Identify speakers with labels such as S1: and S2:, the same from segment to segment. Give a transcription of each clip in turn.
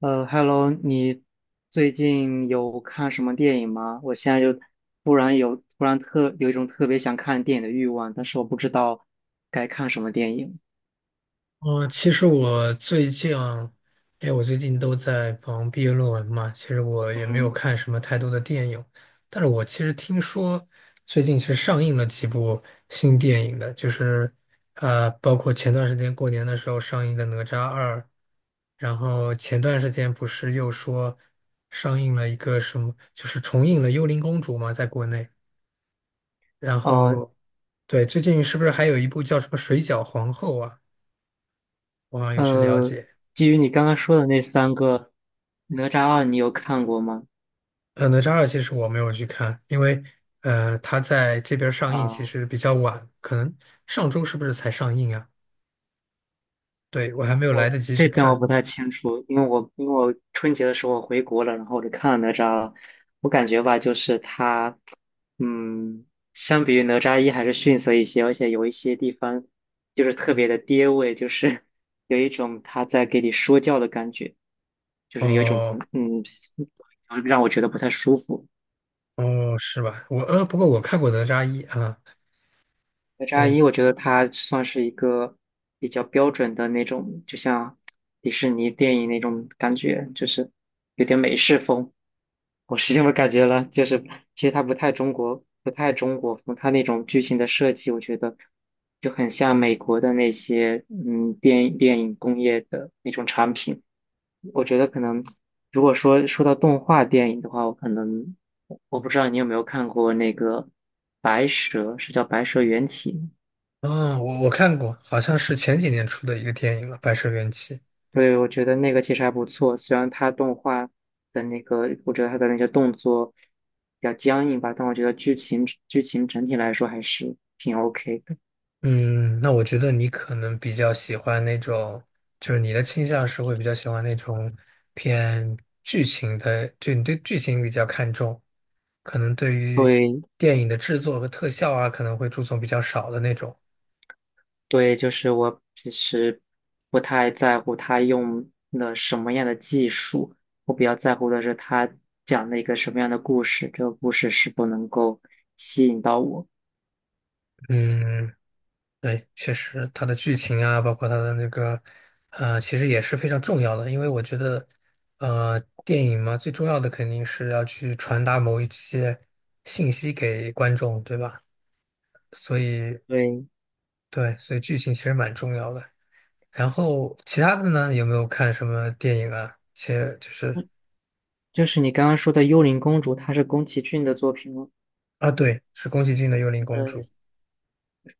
S1: Hello，你最近有看什么电影吗？我现在就突然特有一种特别想看电影的欲望，但是我不知道该看什么电影。
S2: 哦，其实我最近，因为我最近都在忙毕业论文嘛，其实我也没有
S1: 嗯。
S2: 看什么太多的电影，但是我其实听说最近是上映了几部新电影的，就是包括前段时间过年的时候上映的《哪吒二》，然后前段时间不是又说上映了一个什么，就是重映了《幽灵公主》嘛，在国内，然
S1: 哦。
S2: 后对，最近是不是还有一部叫什么《水饺皇后》啊？我好像有去了
S1: 呃，
S2: 解。
S1: 基于你刚刚说的那三个，《哪吒二》你有看过吗？
S2: 哪吒二其实我没有去看，因为它在这边上映其
S1: 啊。
S2: 实比较晚，可能上周是不是才上映啊？对，我还没有来
S1: 我
S2: 得及去
S1: 这边我
S2: 看。
S1: 不太清楚，因为我春节的时候我回国了，然后我就看了哪吒，我感觉吧，就是它，嗯，相比于哪吒一还是逊色一些，而且有一些地方就是特别的爹味，就是有一种他在给你说教的感觉，就是有一种
S2: 哦
S1: 嗯，让我觉得不太舒服。
S2: 哦，是吧？我不过我看过哪吒一啊，
S1: 哪吒
S2: 对，
S1: 一，我觉得它算是一个比较标准的那种，就像迪士尼电影那种感觉，就是有点美式风。我是这么感觉了，就是其实它不太中国，不太中国风，它那种剧情的设计，我觉得就很像美国的那些电影工业的那种产品。我觉得可能如果说到动画电影的话，我可能我不知道你有没有看过那个《白蛇》，是叫《白蛇缘起》。
S2: 嗯，我看过，好像是前几年出的一个电影了，《白蛇缘起》。
S1: 对，我觉得那个其实还不错，虽然它动画的那个，我觉得它的那些动作比较僵硬吧，但我觉得剧情整体来说还是挺 OK 的。
S2: 嗯，那我觉得你可能比较喜欢那种，就是你的倾向是会比较喜欢那种偏剧情的，就你对剧情比较看重，可能对于
S1: 对
S2: 电影的制作和特效啊，可能会注重比较少的那种。
S1: 对，就是我其实不太在乎他用了什么样的技术，我比较在乎的是他讲了一个什么样的故事，这个故事是否能够吸引到我。
S2: 嗯，对，确实，它的剧情啊，包括它的那个，其实也是非常重要的，因为我觉得，呃，电影嘛，最重要的肯定是要去传达某一些信息给观众，对吧？所以。
S1: 对。
S2: 对，所以剧情其实蛮重要的。然后其他的呢，有没有看什么电影啊？其实就是
S1: 嗯，就是你刚刚说的《幽灵公主》，它是宫崎骏的作品吗？
S2: 啊，对，是宫崎骏的《幽灵公主》，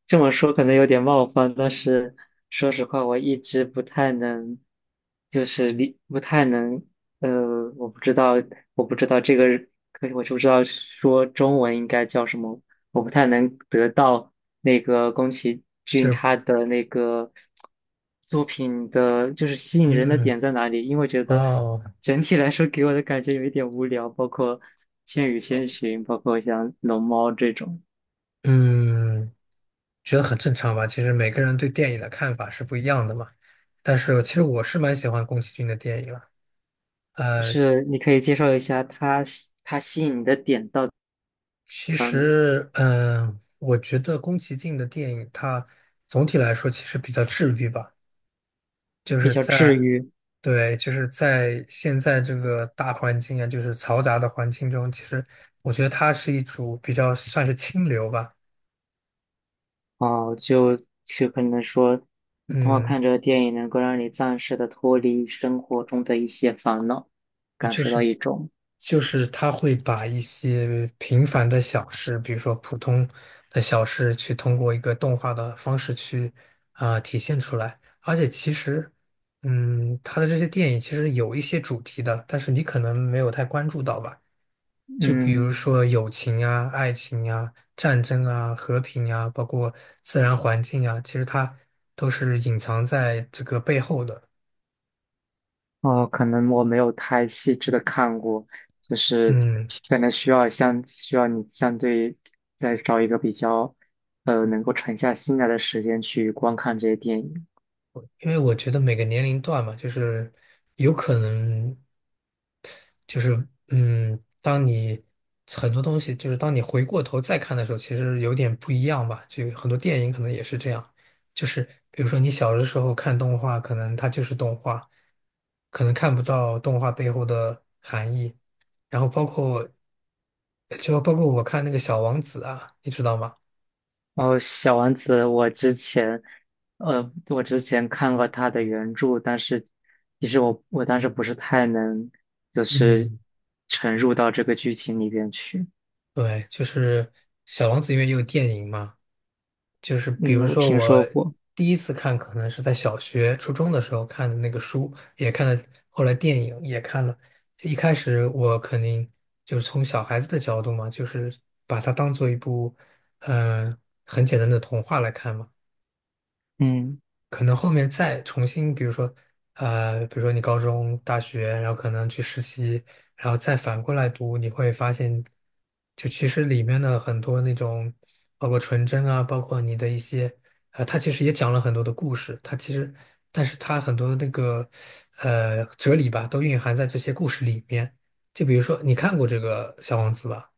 S1: 这么说可能有点冒犯，但是说实话，我一直不太能，就是理不太能，我不知道，我不知道这个，可我就不知道说中文应该叫什么，我不太能得到那个宫崎
S2: 就
S1: 骏
S2: 是
S1: 他的那个作品的，就是吸引人的点
S2: 嗯
S1: 在哪里，因为觉得
S2: 哦
S1: 整体来说给我的感觉有一点无聊，包括《千与千寻》，包括像《龙猫》这种。
S2: 嗯，觉得很正常吧。其实每个人对电影的看法是不一样的嘛。但是其实我是蛮喜欢宫崎骏的电影了。
S1: 就
S2: 呃，
S1: 是你可以介绍一下它吸引你的点到底
S2: 其实，嗯，我觉得宫崎骏的电影，它总体来说其实比较治愈吧，就
S1: 比
S2: 是
S1: 较治
S2: 在
S1: 愈
S2: 对，就是在现在这个大环境啊，就是嘈杂的环境中，其实我觉得它是一种比较算是清流吧，
S1: 啊，就可能说，你通过看
S2: 嗯，
S1: 这个电影能够让你暂时的脱离生活中的一些烦恼，感
S2: 就
S1: 受到
S2: 是
S1: 一种
S2: 就是它会把一些平凡的小事，比如说普通的小事，去通过一个动画的方式去啊、体现出来。而且其实，嗯，它的这些电影其实有一些主题的，但是你可能没有太关注到吧。就比如
S1: 嗯
S2: 说友情啊、爱情啊、战争啊、和平啊，包括自然环境啊，其实它都是隐藏在这个背后的。
S1: 哦，可能我没有太细致的看过，就是
S2: 嗯，
S1: 可能需要你相对再找一个比较能够沉下心来的时间去观看这些电影。
S2: 因为我觉得每个年龄段嘛，就是有可能，就是嗯，当你很多东西，就是当你回过头再看的时候，其实有点不一样吧。就很多电影可能也是这样，就是比如说你小的时候看动画，可能它就是动画，可能看不到动画背后的含义。然后包括就包括我看那个《小王子》啊，你知道吗？
S1: 哦，小王子，我之前，我之前看过他的原著，但是其实我当时不是太能，就是
S2: 嗯，
S1: 沉入到这个剧情里边去。
S2: 对，就是《小王子》因为也有电影嘛。就是比
S1: 嗯，
S2: 如
S1: 我
S2: 说
S1: 听
S2: 我
S1: 说过。
S2: 第一次看可能是在小学、初中的时候看的那个书，也看了，后来电影也看了。就一开始我肯定就是从小孩子的角度嘛，就是把它当做一部嗯、呃很简单的童话来看嘛。
S1: 嗯
S2: 可能后面再重新，比如说，比如说你高中、大学，然后可能去实习，然后再反过来读，你会发现，就其实里面的很多那种，包括纯真啊，包括你的一些，它其实也讲了很多的故事，它其实，但是它很多那个，哲理吧，都蕴含在这些故事里面。就比如说，你看过这个《小王子》吧？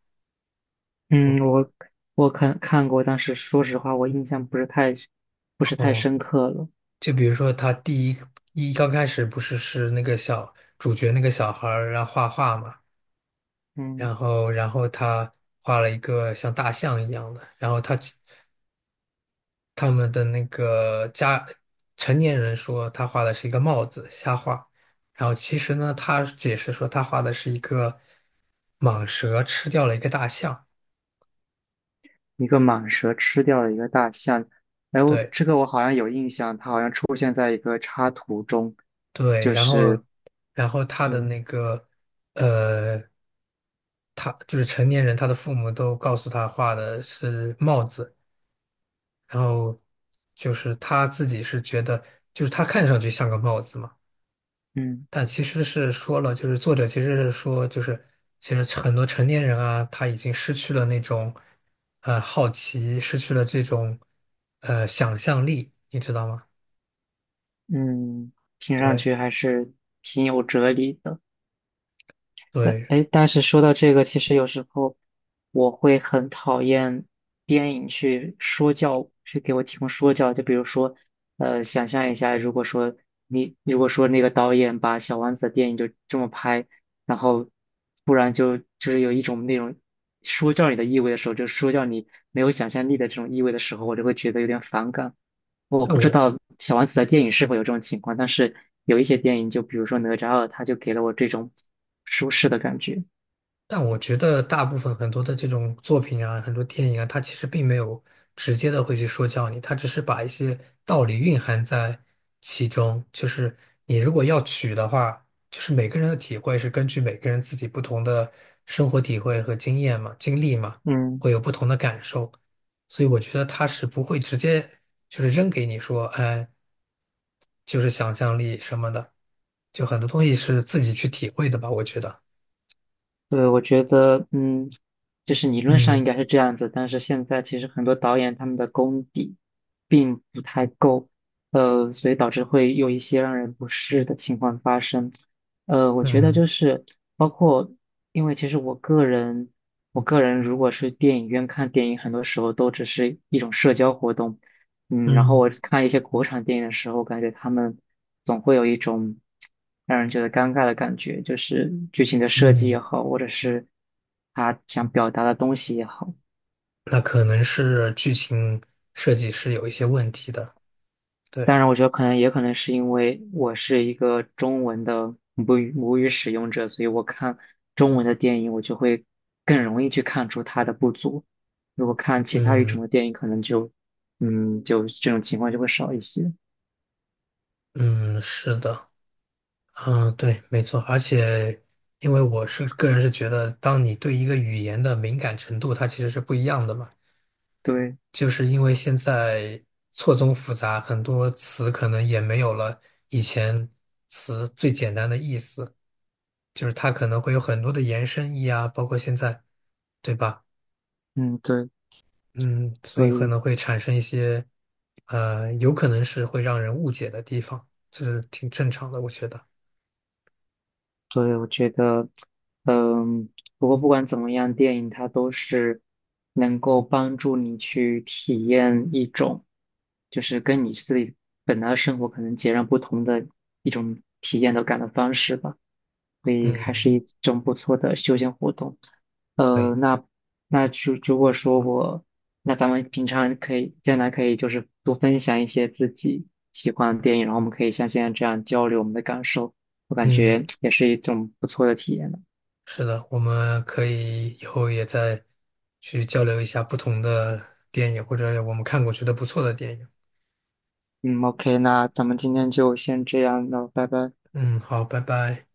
S1: 嗯，我看过，但是说实话，我印象不是太
S2: 哦，
S1: 深刻了。
S2: 就比如说他第一刚开始不是是那个小主角那个小孩儿，然后画画嘛。
S1: 嗯，
S2: 然后他画了一个像大象一样的，然后他们的那个家成年人说他画的是一个帽子，瞎画，然后其实呢，他解释说他画的是一个蟒蛇吃掉了一个大象，
S1: 一个蟒蛇吃掉了一个大象，哎，我
S2: 对
S1: 这个我好像有印象，它好像出现在一个插图中，
S2: 对，
S1: 就
S2: 然后
S1: 是
S2: 然后他的
S1: 嗯。
S2: 那个呃。他就是成年人，他的父母都告诉他画的是帽子，然后就是他自己是觉得，就是他看上去像个帽子嘛，
S1: 嗯
S2: 但其实是说了，就是作者其实是说，就是其实很多成年人啊，他已经失去了那种好奇，失去了这种想象力，你知道吗？
S1: 嗯，听上
S2: 对
S1: 去还是挺有哲理的。但
S2: 对，
S1: 哎，但是说到这个，其实有时候我会很讨厌电影去说教，去给我提供说教。就比如说，想象一下，如果说你如果说那个导演把《小王子》的电影就这么拍，然后突然是有一种那种说教你的意味的时候，就说教你没有想象力的这种意味的时候，我就会觉得有点反感。我
S2: 但
S1: 不知
S2: 我
S1: 道小王子的电影是否有这种情况，但是有一些电影，就比如说《哪吒二》，它就给了我这种舒适的感觉。
S2: 但我觉得大部分很多的这种作品啊，很多电影啊，它其实并没有直接的会去说教你，它只是把一些道理蕴含在其中。就是你如果要取的话，就是每个人的体会是根据每个人自己不同的生活体会和经验嘛、经历嘛，会
S1: 嗯，
S2: 有不同的感受。所以我觉得它是不会直接就是扔给你说，哎，就是想象力什么的，就很多东西是自己去体会的吧，我觉得。
S1: 对，我觉得，嗯，就是理论上
S2: 嗯
S1: 应该是这样子，但是现在其实很多导演他们的功底并不太够，所以导致会有一些让人不适的情况发生。我觉得
S2: 嗯。
S1: 就是包括，因为其实我个人，我个人如果是电影院看电影，很多时候都只是一种社交活动。嗯，然后
S2: 嗯
S1: 我看一些国产电影的时候，感觉他们总会有一种让人觉得尴尬的感觉，就是剧情的设计
S2: 嗯，
S1: 也好，或者是他想表达的东西也好。
S2: 那可能是剧情设计是有一些问题的。对，
S1: 当然，我觉得可能也可能是因为我是一个中文的母语使用者，所以我看中文的电影，我就会更容易去看出它的不足。如果看其他语种
S2: 嗯
S1: 的电影，可能就嗯，就这种情况就会少一些。
S2: 嗯，是的，嗯，对，没错。而且，因为我是个人是觉得，当你对一个语言的敏感程度，它其实是不一样的嘛。
S1: 对，
S2: 就是因为现在错综复杂，很多词可能也没有了以前词最简单的意思，就是它可能会有很多的延伸义啊，包括现在，对吧？
S1: 嗯，对，
S2: 嗯，所以
S1: 所
S2: 可
S1: 以，
S2: 能会产生一些，有可能是会让人误解的地方，这是挺正常的，我觉得。
S1: 所以我觉得。不过不管怎么样，电影它都是能够帮助你去体验一种，就是跟你自己本来的生活可能截然不同的一种体验的感的方式吧，所以还
S2: 嗯
S1: 是一种不错的休闲活动。
S2: 对，
S1: 那那如果说我，那咱们平常可以将来可以就是多分享一些自己喜欢的电影，然后我们可以像现在这样交流我们的感受，我感
S2: 嗯
S1: 觉也是一种不错的体验。
S2: 是的，我们可以以后也再去交流一下不同的电影，或者我们看过觉得不错的电影。
S1: 嗯，OK，那咱们今天就先这样，那拜拜。
S2: 嗯，好，拜拜。